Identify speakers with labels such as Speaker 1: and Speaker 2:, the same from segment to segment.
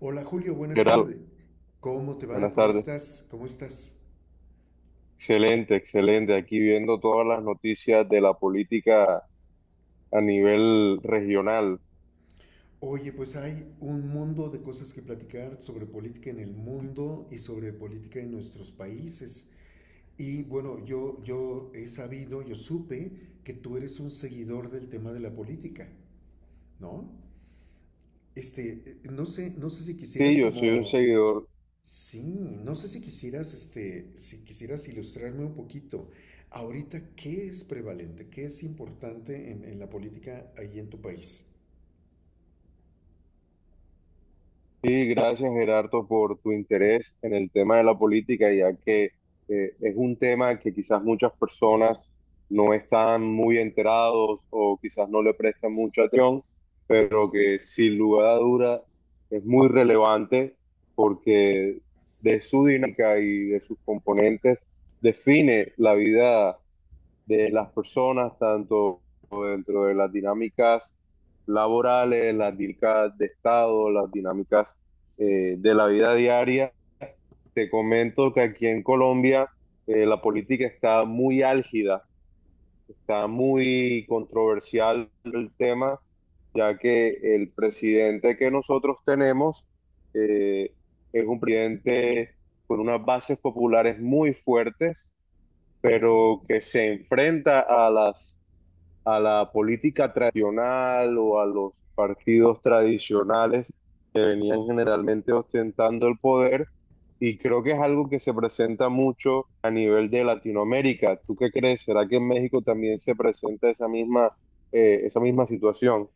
Speaker 1: Hola Julio, buenas
Speaker 2: Gerardo,
Speaker 1: tardes. ¿Cómo te va?
Speaker 2: buenas
Speaker 1: ¿Cómo
Speaker 2: tardes.
Speaker 1: estás? ¿Cómo estás?
Speaker 2: Excelente, excelente. Aquí viendo todas las noticias de la política a nivel regional.
Speaker 1: Oye, pues hay un mundo de cosas que platicar sobre política en el mundo y sobre política en nuestros países. Y bueno, yo he sabido, yo supe que tú eres un seguidor del tema de la política, ¿no? Este, no sé, no sé si
Speaker 2: Sí,
Speaker 1: quisieras
Speaker 2: yo soy un
Speaker 1: como
Speaker 2: seguidor.
Speaker 1: sí, no sé si quisieras, este, si quisieras ilustrarme un poquito. Ahorita, ¿qué es prevalente? ¿Qué es importante en la política ahí en tu país?
Speaker 2: Sí, gracias Gerardo por tu interés en el tema de la política, ya que es un tema que quizás muchas personas no están muy enterados o quizás no le prestan mucha atención, pero que sin lugar a duda es muy relevante porque de su dinámica y de sus componentes define la vida de las personas, tanto dentro de las dinámicas laborales, las dinámicas de Estado, las dinámicas de la vida diaria. Te comento que aquí en Colombia la política está muy álgida, está muy controversial el tema, ya que el presidente que nosotros tenemos eh, es un presidente con unas bases populares muy fuertes, pero que se enfrenta a las a la política tradicional o a los partidos tradicionales que venían generalmente ostentando el poder. Y creo que es algo que se presenta mucho a nivel de Latinoamérica. ¿Tú qué crees? ¿Será que en México también se presenta esa misma situación?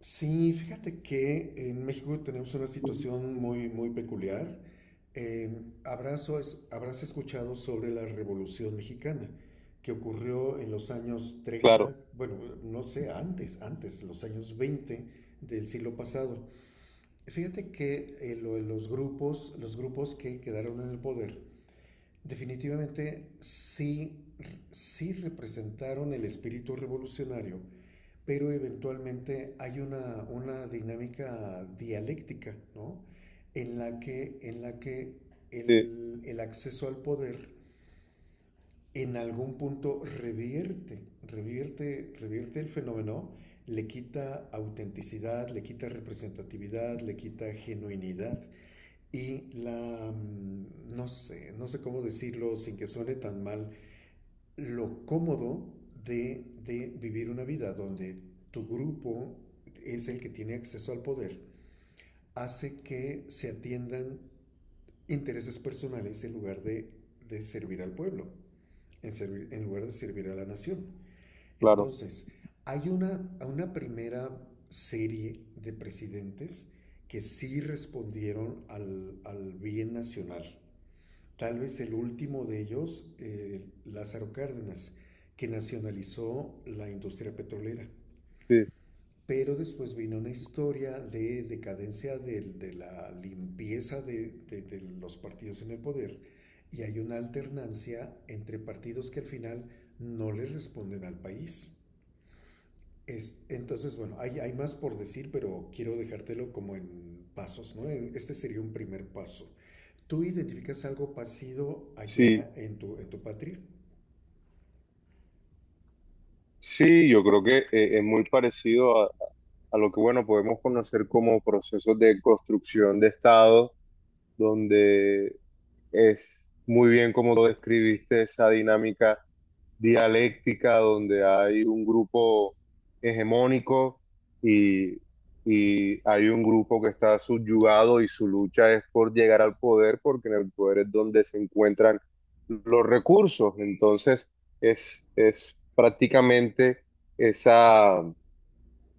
Speaker 1: Sí, fíjate que en México tenemos una situación muy, muy peculiar. Eh, habrás escuchado sobre la Revolución Mexicana, que ocurrió en los años treinta,
Speaker 2: Claro,
Speaker 1: bueno, no sé, antes, los años 20 del siglo pasado. Fíjate que lo de los grupos que quedaron en el poder, definitivamente sí, sí representaron el espíritu revolucionario, pero eventualmente hay una dinámica dialéctica, ¿no? En la que
Speaker 2: sí,
Speaker 1: el acceso al poder en algún punto revierte el fenómeno, le quita autenticidad, le quita representatividad, le quita genuinidad y la, no sé, no sé cómo decirlo sin que suene tan mal, lo cómodo de vivir una vida donde tu grupo es el que tiene acceso al poder, hace que se atiendan intereses personales en lugar de servir al pueblo, en lugar de servir a la nación.
Speaker 2: claro,
Speaker 1: Entonces, hay una primera serie de presidentes que sí respondieron al bien nacional. Tal vez el último de ellos, Lázaro Cárdenas, que nacionalizó la industria petrolera.
Speaker 2: sí,
Speaker 1: Pero después vino una historia de decadencia de la limpieza de los partidos en el poder y hay una alternancia entre partidos que al final no le responden al país. Es, entonces, bueno, hay más por decir, pero quiero dejártelo como en pasos, ¿no? Este sería un primer paso. ¿Tú identificas algo parecido allá
Speaker 2: sí,
Speaker 1: en tu patria?
Speaker 2: sí, yo creo que es muy parecido a lo que, bueno, podemos conocer como procesos de construcción de Estado donde es muy bien como lo describiste, esa dinámica dialéctica donde hay un grupo hegemónico y, y hay un grupo que está subyugado y su lucha es por llegar al poder, porque en el poder es donde se encuentran los recursos. Entonces, es prácticamente esa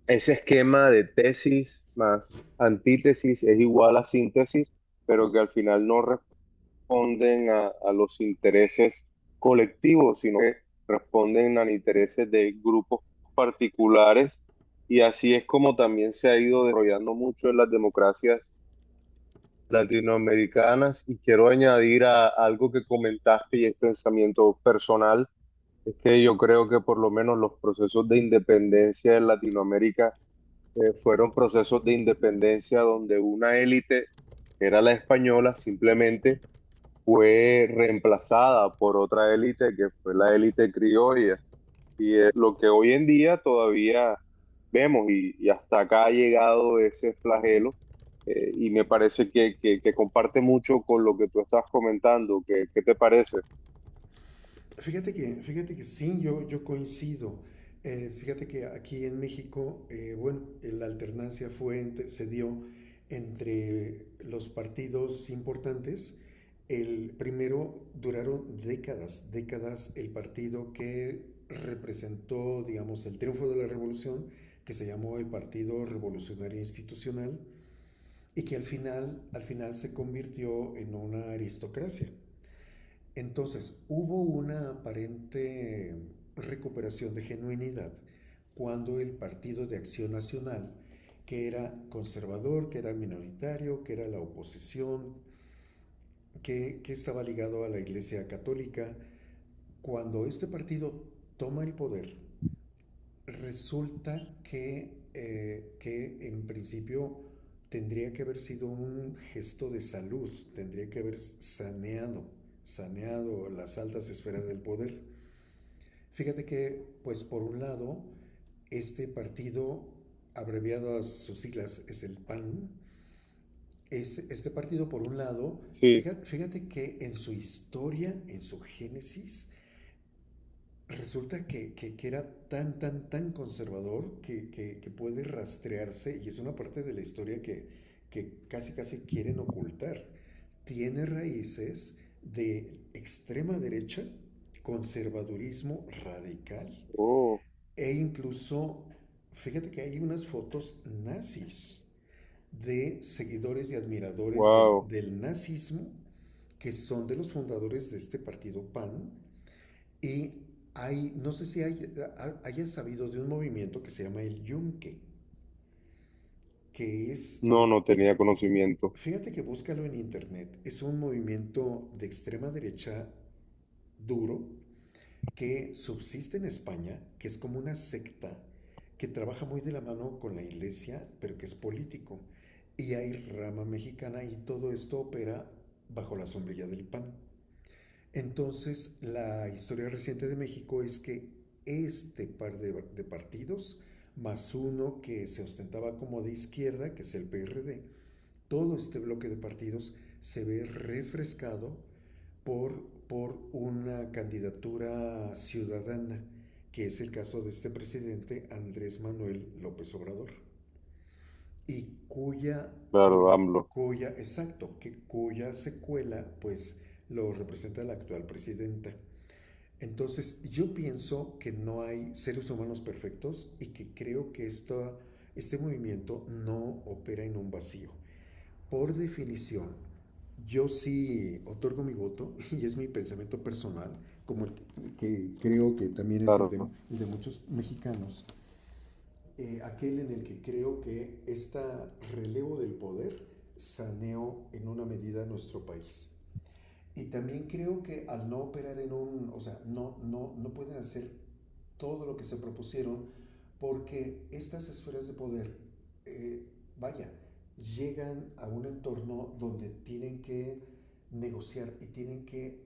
Speaker 2: ese esquema de tesis más antítesis es igual a síntesis, pero que al final no responden a los intereses colectivos, sino que responden a intereses de grupos particulares. Y así es como también se ha ido desarrollando mucho en las democracias latinoamericanas. Y quiero añadir a algo que comentaste y es pensamiento personal, es que yo creo que por lo menos los procesos de independencia en Latinoamérica fueron procesos de independencia donde una élite, que era la española, simplemente fue reemplazada por otra élite que fue la élite criolla. Y es lo que hoy en día todavía vemos y hasta acá ha llegado ese flagelo. Y me parece que comparte mucho con lo que tú estás comentando. ¿Qué, qué te parece?
Speaker 1: Fíjate que sí, yo coincido. Fíjate que aquí en México, bueno, la alternancia se dio entre los partidos importantes. El primero duraron décadas, décadas el partido que representó, digamos, el triunfo de la revolución, que se llamó el Partido Revolucionario Institucional, y que al final se convirtió en una aristocracia. Entonces, hubo una aparente recuperación de genuinidad cuando el Partido de Acción Nacional, que era conservador, que era minoritario, que era la oposición, que estaba ligado a la Iglesia Católica, cuando este partido toma el poder, resulta que en principio tendría que haber sido un gesto de salud, tendría que haber saneado las altas esferas del poder. Fíjate que, pues por un lado, este partido, abreviado a sus siglas, es el PAN. Este partido, por un lado,
Speaker 2: Sí.
Speaker 1: fíjate, que en su historia, en su génesis, resulta que era tan conservador que puede rastrearse y es una parte de la historia que casi, casi quieren ocultar. Tiene raíces de extrema derecha, conservadurismo radical.
Speaker 2: Oh,
Speaker 1: E incluso, fíjate que hay unas fotos nazis de seguidores y admiradores
Speaker 2: wow.
Speaker 1: del nazismo que son de los fundadores de este partido PAN. Y hay, no sé si hay, hayas sabido de un movimiento que se llama el Yunque, que es,
Speaker 2: No, no tenía conocimiento.
Speaker 1: fíjate que búscalo en internet, es un movimiento de extrema derecha duro que subsiste en España, que es como una secta que trabaja muy de la mano con la iglesia, pero que es político. Y hay rama mexicana y todo esto opera bajo la sombrilla del PAN. Entonces, la historia reciente de México es que este par de partidos, más uno que se ostentaba como de izquierda, que es el PRD, todo este bloque de partidos se ve refrescado por, por una candidatura ciudadana, que es el caso de este presidente Andrés Manuel López Obrador, y cuya,
Speaker 2: Claro,
Speaker 1: cuya,
Speaker 2: AMLO.
Speaker 1: cuya exacto, que cuya secuela pues lo representa la actual presidenta. Entonces, yo pienso que no hay seres humanos perfectos y que creo que este movimiento no opera en un vacío. Por definición, yo sí otorgo mi voto y es mi pensamiento personal, como el que creo que también es
Speaker 2: Claro.
Speaker 1: el de muchos mexicanos, aquel en el que creo que este relevo del poder saneó en una medida nuestro país. Y también creo que al no operar en un, o sea, no pueden hacer todo lo que se propusieron porque estas esferas de poder, eh, vaya, llegan a un entorno donde tienen que negociar y tienen que,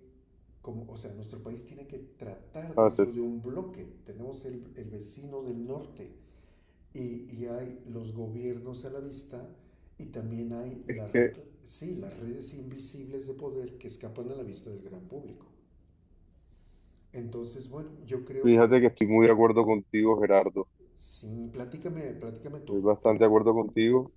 Speaker 1: como, o sea, nuestro país tiene que tratar dentro de
Speaker 2: Entonces.
Speaker 1: un bloque. Tenemos el vecino del norte, y hay los gobiernos a la vista y también hay
Speaker 2: Es
Speaker 1: las,
Speaker 2: que
Speaker 1: sí, las redes invisibles de poder que escapan a la vista del gran público. Entonces, bueno, yo creo que
Speaker 2: fíjate que estoy muy de acuerdo contigo, Gerardo.
Speaker 1: sí, platícame, platícame tú.
Speaker 2: Estoy bastante de acuerdo contigo.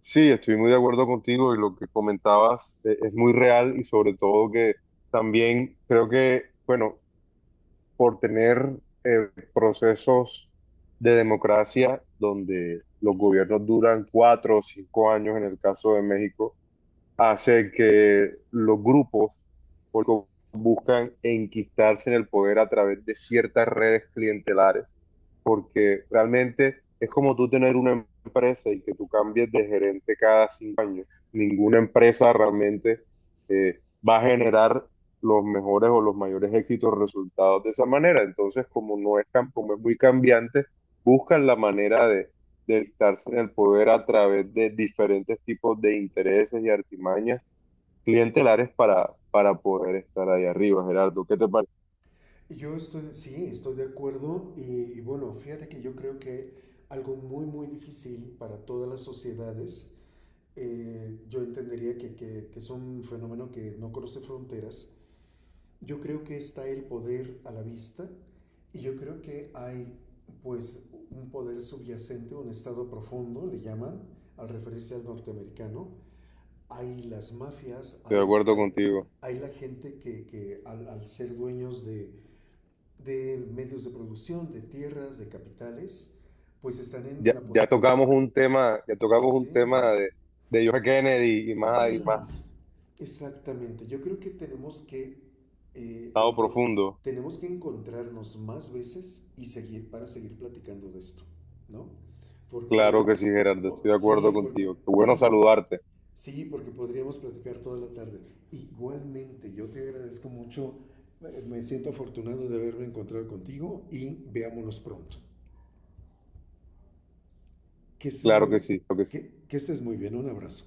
Speaker 2: Sí, estoy muy de acuerdo contigo y lo que comentabas es muy real y sobre todo que también creo que, bueno, por tener procesos de democracia donde los gobiernos duran 4 o 5 años en el caso de México hace que los grupos porque buscan enquistarse en el poder a través de ciertas redes clientelares, porque realmente es como tú tener una empresa y que tú cambies de gerente cada 5 años. Ninguna empresa realmente eh, va a generar los mejores o los mayores éxitos resultados de esa manera. Entonces, como no es tan, como es muy cambiante, buscan la manera de estarse en el poder a través de diferentes tipos de intereses y artimañas clientelares para poder estar ahí arriba, Gerardo. ¿Qué te parece?
Speaker 1: Yo estoy, sí, estoy de acuerdo y bueno, fíjate que yo creo que algo muy, muy difícil para todas las sociedades, yo entendería que es un fenómeno que no conoce fronteras. Yo creo que está el poder a la vista y yo creo que hay pues un poder subyacente, un estado profundo, le llaman, al referirse al norteamericano. Hay las mafias,
Speaker 2: Estoy de acuerdo contigo.
Speaker 1: hay la gente que, al ser dueños de medios de producción, de tierras, de capitales, pues están en
Speaker 2: Ya,
Speaker 1: la...
Speaker 2: ya
Speaker 1: Eh,
Speaker 2: tocamos un tema, ya tocamos un tema
Speaker 1: sí.
Speaker 2: de John F. Kennedy y más
Speaker 1: Exactamente, yo creo que tenemos que, eh,
Speaker 2: estado
Speaker 1: enco-
Speaker 2: profundo.
Speaker 1: tenemos que encontrarnos más veces y seguir para seguir platicando de esto, ¿no? Porque
Speaker 2: Claro
Speaker 1: podríamos,
Speaker 2: que sí, Gerardo, estoy de acuerdo
Speaker 1: sí, porque,
Speaker 2: contigo. Qué bueno saludarte.
Speaker 1: sí, porque podríamos platicar toda la tarde. Igualmente, yo te agradezco mucho, me siento afortunado de haberme encontrado contigo y veámonos pronto. Que estés
Speaker 2: Claro que
Speaker 1: muy,
Speaker 2: sí, claro que sí.
Speaker 1: que estés muy bien, un abrazo.